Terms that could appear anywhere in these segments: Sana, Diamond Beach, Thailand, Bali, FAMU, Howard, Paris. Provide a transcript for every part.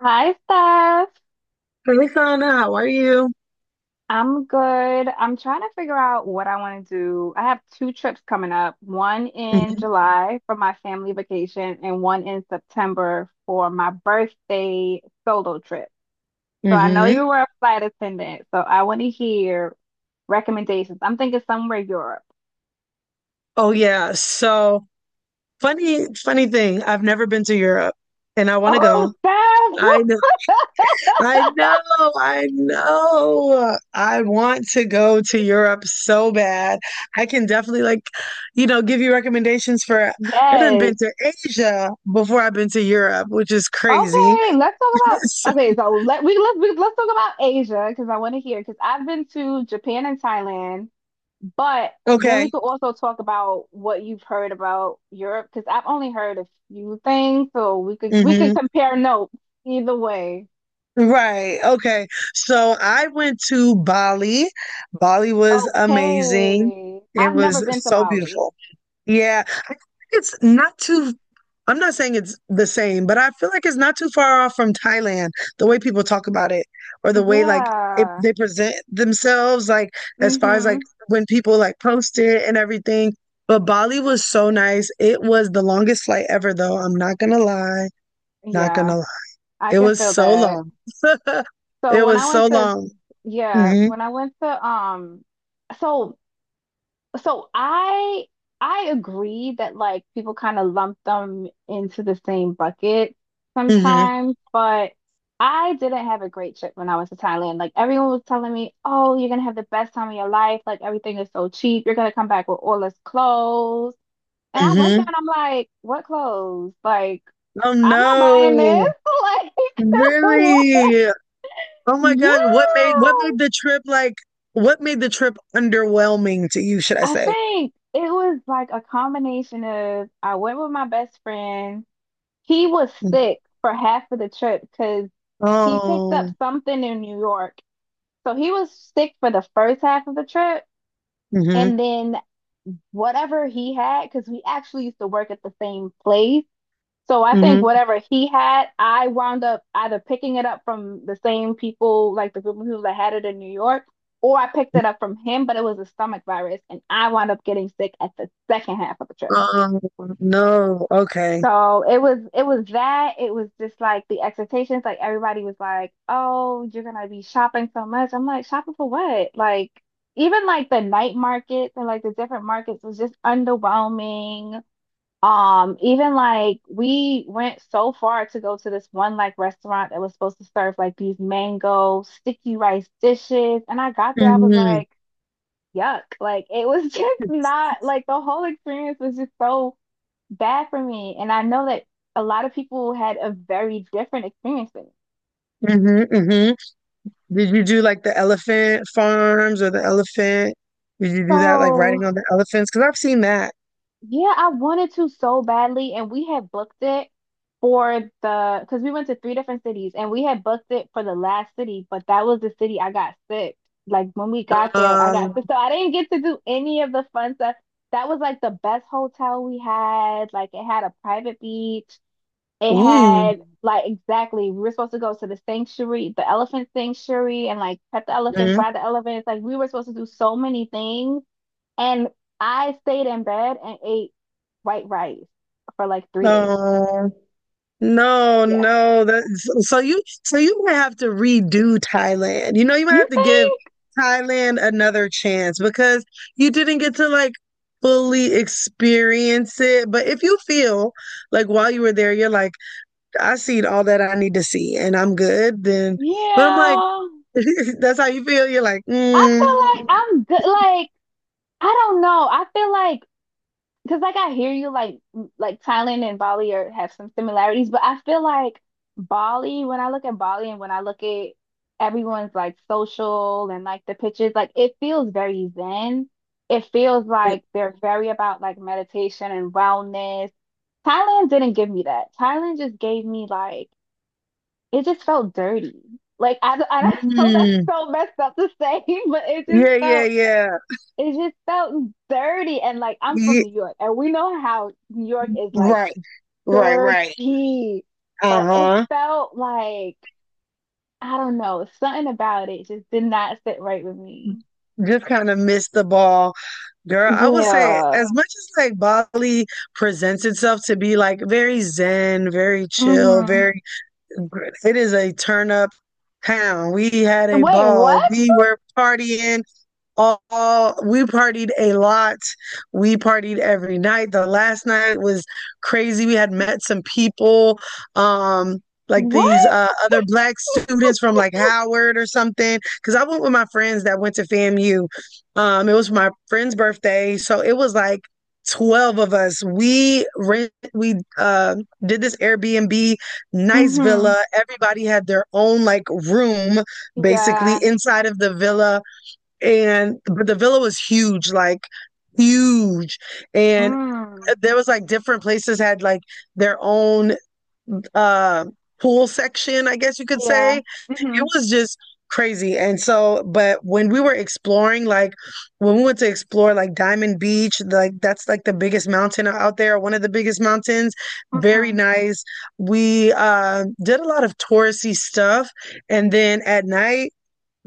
Hi, Steph. Hey, Sana, how are you? I'm good. I'm trying to figure out what I want to do. I have two trips coming up, one in Mm-hmm. July for my family vacation and one in September for my birthday solo trip. So I know hmm you were a flight attendant, so I want to hear recommendations. I'm thinking somewhere Europe. Oh yeah, so funny thing. I've never been to Europe, and I want to Oh, go. Steph! I know, I know, I know. I want to go to Europe so bad. I can definitely give you recommendations for. I done Yes. been to Asia before I've been to Europe, which is crazy. Okay, let's talk about So- okay, so let's talk about Asia because I want to hear because I've been to Japan and Thailand. But then okay. we could also talk about what you've heard about Europe because I've only heard a few things, so we could compare notes either way. Right. Okay. So I went to Bali. Bali was amazing. Okay. It I've never was been to so Bali. beautiful. Yeah. I think it's not too, I'm not saying it's the same, but I feel like it's not too far off from Thailand, the way people talk about it or the way Yeah. they present themselves, like as far as Mm-hmm. like when people like post it and everything. But Bali was so nice. It was the longest flight ever, though. I'm not gonna lie. Not Yeah, gonna lie. I It can was feel so that. long. So It when I was so went to long. yeah, Hmm when I went to so so I agree that like people kind of lump them into the same bucket hmm sometimes, but I didn't have a great trip when I was to Thailand. Like everyone was telling me, "Oh, you're gonna have the best time of your life. Like everything is so cheap. You're gonna come back with all this clothes." And I went there hmm and I'm like, "What clothes? Like Oh I'm not buying this. no. Like what? Really? Oh my God. What made Yeah." what made the trip like what made the trip underwhelming to you, should I I say? think it was like a combination of I went with my best friend. He was Mm. sick for half of the trip because he picked up Oh. something in New York. So he was sick for the first half of the trip. hmm And then whatever he had, because we actually used to work at the same place. So I think hmm whatever he had, I wound up either picking it up from the same people, like the group of people that had it in New York, or I picked it up from him, but it was a stomach virus. And I wound up getting sick at the second half of the trip. Oh no. Okay. So it was that. It was just like the expectations. Like everybody was like, "Oh, you're gonna be shopping so much." I'm like, "Shopping for what?" Like even like the night markets and like the different markets was just underwhelming. Even like we went so far to go to this one like restaurant that was supposed to serve like these mango sticky rice dishes, and I got there, I was hmm like, "Yuck!" Like it was just not like the whole experience was just so bad for me. And I know that a lot of people had a very different experience with it. hmm hmm Did you do like the elephant farms or the elephant? Did you do that like riding So, on the elephants? Because I've seen that. yeah, I wanted to so badly, and we had booked it for the because we went to three different cities, and we had booked it for the last city, but that was the city I got sick. Like when we got there, I got Um, sick, so I didn't get to do any of the fun stuff. That was like the best hotel we had. Like it had a private beach. It ooh. had like exactly we were supposed to go to the sanctuary, the elephant sanctuary, and like pet the elephants, Mhm. buy the elephants. Like we were supposed to do so many things. And I stayed in bed and ate white rice for like 3 days. Oh. No, Yeah. no, that so you might have to redo Thailand. You know, you might You have to give think? Thailand another chance because you didn't get to like fully experience it. But if you feel like while you were there, you're like, I seen all that I need to see and I'm good, then but I'm like, Yeah. that's how you feel. You're like, I feel like mm, I'm good. Like, I don't know. I feel like. Because like I hear you like Thailand and Bali are have some similarities, but I feel like Bali, when I look at Bali and when I look at everyone's like social and like the pictures, like it feels very zen. It feels mm, like they're very about like meditation and wellness. Thailand didn't give me that. Thailand just gave me like it just felt dirty. Like I know that's mm, so messed up to say, but it just yeah, yeah, felt yeah. it just felt dirty. And like I'm from Ye- New York, and we know how New York is like right, right, right. dirty, but it Uh-huh. felt like I don't know, something about it just did not sit right with me. Just kind of missed the ball. Girl, I would say Yeah. as much as like Bali presents itself to be like very zen, very chill, Mm-hmm. very it is a turn up town. We had a Wait, what? ball. We were partying we partied a lot. We partied every night. The last night was crazy. We had met some people, um, like these What? other black students from like Howard or something. Because I went with my friends that went to FAMU. It was my friend's birthday, so it was like 12 of us. We did this Airbnb, nice Mm-hmm. villa. Everybody had their own like room, basically Yeah. inside of the villa and but the villa was huge, like huge. And Mm. There was like different places had like their own uh pool section, I guess you could Yeah. say. It Mm-hmm. was just crazy. And so, but when we were exploring, like when we went to explore like Diamond Beach, like that's like the biggest mountain out there, one of the biggest mountains. Very Mm-hmm. nice. We did a lot of touristy stuff. And then at night,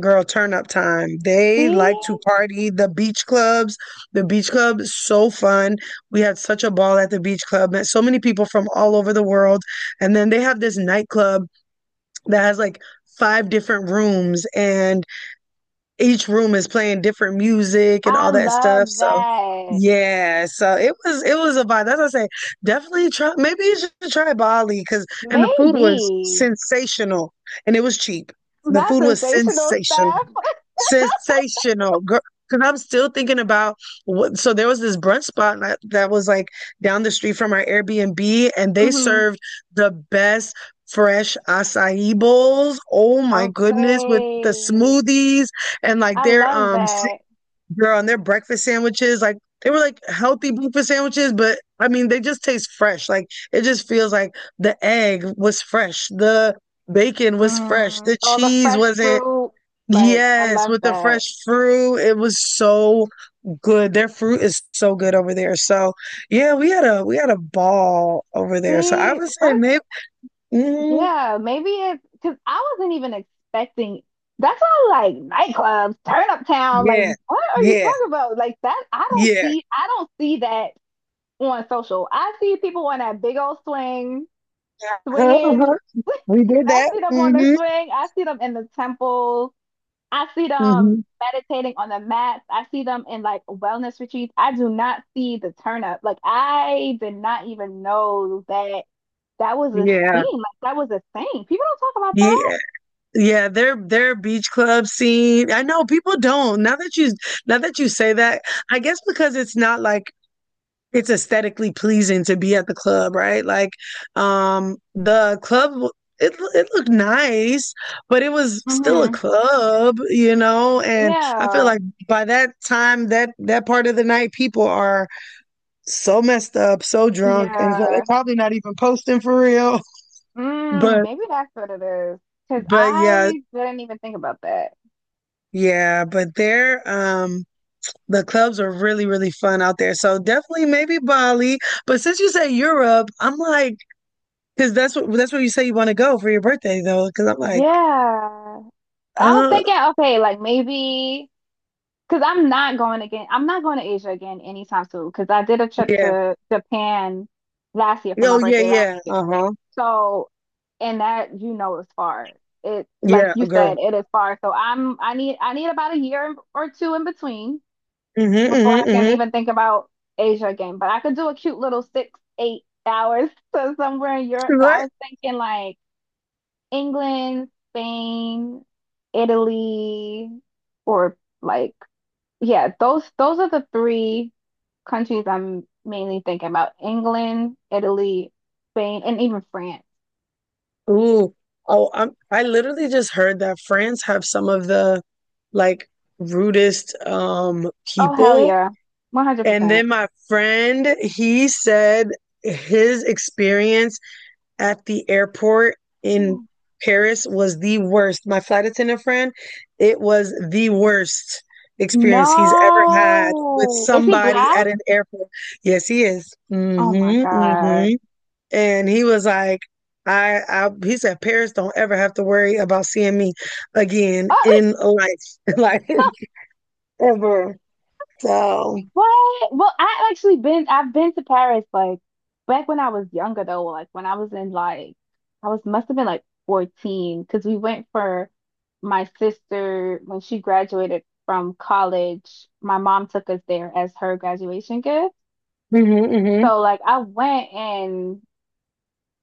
girl, turn up time. They like See, to party. The beach club is so fun. We had such a ball at the beach club. Met so many people from all over the world. And then they have this nightclub that has like five different rooms and each room is playing different music and I all that stuff. love So that. yeah, so it was a vibe. That's what I say. Definitely try. Maybe you should try Bali because and the food was Maybe sensational and it was cheap. The not food was sensational stuff. sensational, sensational, girl. Because I'm still thinking about what. So there was this brunch spot that was like down the street from our Airbnb, and they Mm-hmm. served the best fresh acai bowls. Oh my goodness, with the Okay. smoothies and like I their love that. girl and their breakfast sandwiches like they were like healthy breakfast sandwiches but I mean they just taste fresh like it just feels like the egg was fresh the bacon was fresh Mm, the all the cheese fresh wasn't fruit. Like, I yes love with the that. fresh fruit it was so good their fruit is so good over there so yeah we had a ball over there so I See, would say first, maybe mm, yeah, maybe it's because I wasn't even expecting. That's why, like, nightclubs, turn up town. Like, yeah what are you yeah talking about? Like that, I don't yeah see, I don't see that on social. I see people on that big old swing, uh-huh, swinging. uh-huh. We did I that. see them on the Hmm swing. I see them in the temples. I see them hmm meditating on the mats. I see them in like wellness retreats. I do not see the turn up. Like I did not even know that that was a scene. Yeah. Like that was a thing. People don't talk about that. Yeah. Yeah, their beach club scene. I know people don't. Now that you say that, I guess because it's not like it's aesthetically pleasing to be at the club, right? Like the club it looked nice, but it was still a Mm-hmm. club, you know, and I feel Yeah. like by that time that that part of the night people are so messed up, so drunk, and so they're Yeah. probably not even posting for real. Mm, But maybe that's what it is. Because but yeah, I didn't even think about that. yeah, but there, the clubs are really, really fun out there. So definitely maybe Bali. But since you say Europe, I'm like, because that's where you say you want to go for your birthday though. Because I'm like, Yeah. I was uh, thinking, okay, like maybe. Because I'm not going again. I'm not going to Asia again anytime soon. Because I did a trip yeah, to Japan last year for my oh yeah, birthday last yeah, year. uh-huh, So, and that is far. It like yeah, you a said, girl. it is far. So I need about a year or two in between Mm-hmm, before I mm-hmm, can mm-hmm. even think about Asia again. But I could do a cute little 6, 8 hours to somewhere in Europe. So I Right? was thinking like England, Spain, Italy, or like yeah, those are the three countries I'm mainly thinking about. England, Italy, Spain, and even France. Ooh, oh, I'm. I literally just heard that France have some of the like rudest Oh hell people. yeah. And 100%. then my friend, he said his experience at the airport in Paris was the worst. My flight attendant friend, it was the worst experience he's ever had with No. Is he somebody black? at an airport. Yes, he is. Oh my Mm-hmm, God. mm-hmm. And he was like, he said, Paris don't ever have to worry about seeing me again Oh, in life, like ever. So, What? Well, I've been to Paris like back when I was younger though, like when I was in like I was must have been like 14 because we went for my sister when she graduated from college. My mom took us there as her graduation gift. mm-hmm, mm-hmm. So like I went and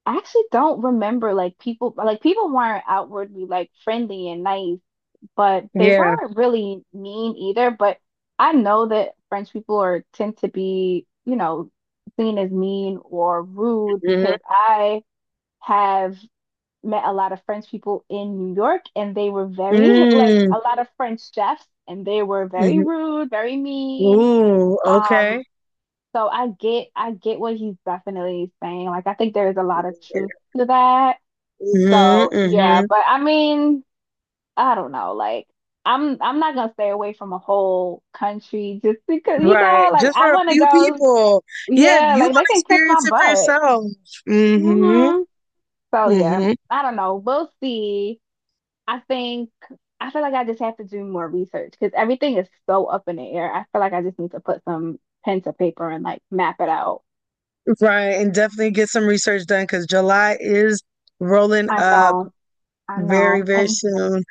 I actually don't remember like people weren't outwardly like friendly and nice but they Yeah. weren't really mean either. But I know that French people are tend to be seen as mean or rude Mm-hmm. because I have met a lot of French people in New York and they were very like Mm-hmm. a lot of French chefs and they were very Mm-hmm. rude, very mean. Ooh, okay. Um, so I get what he's definitely saying. Like I think there is a lot of truth to that. Mm-hmm, So yeah, hmm. but I mean I don't know, like I'm not gonna stay away from a whole country just because Right. like Just I for a wanna few go, people. Yeah, yeah, you like they want to can kiss my experience it for butt. yourself. Mm-hmm. Hmm. So yeah, Mm-hmm. I don't know. We'll see. I think I feel like I just have to do more research because everything is so up in the air. I feel like I just need to put some pen to paper and like map it out. Right. And definitely get some research done because July is rolling I up know, I very, know. very And soon.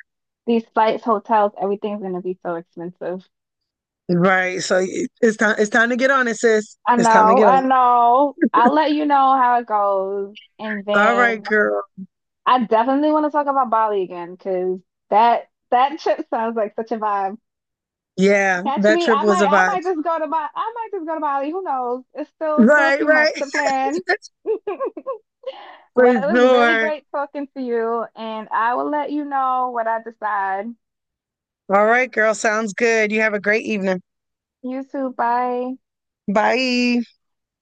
these flights, hotels, everything's gonna be so expensive. Right. So y- it's time to get on it, sis. I It's time to know, get on I it. know. I'll let you know how it goes. And All right, then girl. I definitely want to talk about Bali again because that trip sounds like such a vibe. Yeah, Catch that me. trip I was might a I might vibe. just go to Bali. I might just go to Bali. Who knows? It's still a Right, few right. months to plan. For Well, it was really sure. great talking to you, and I will let you know what I decide. All right, girl. Sounds good. You have a great evening. You too. Bye. Bye.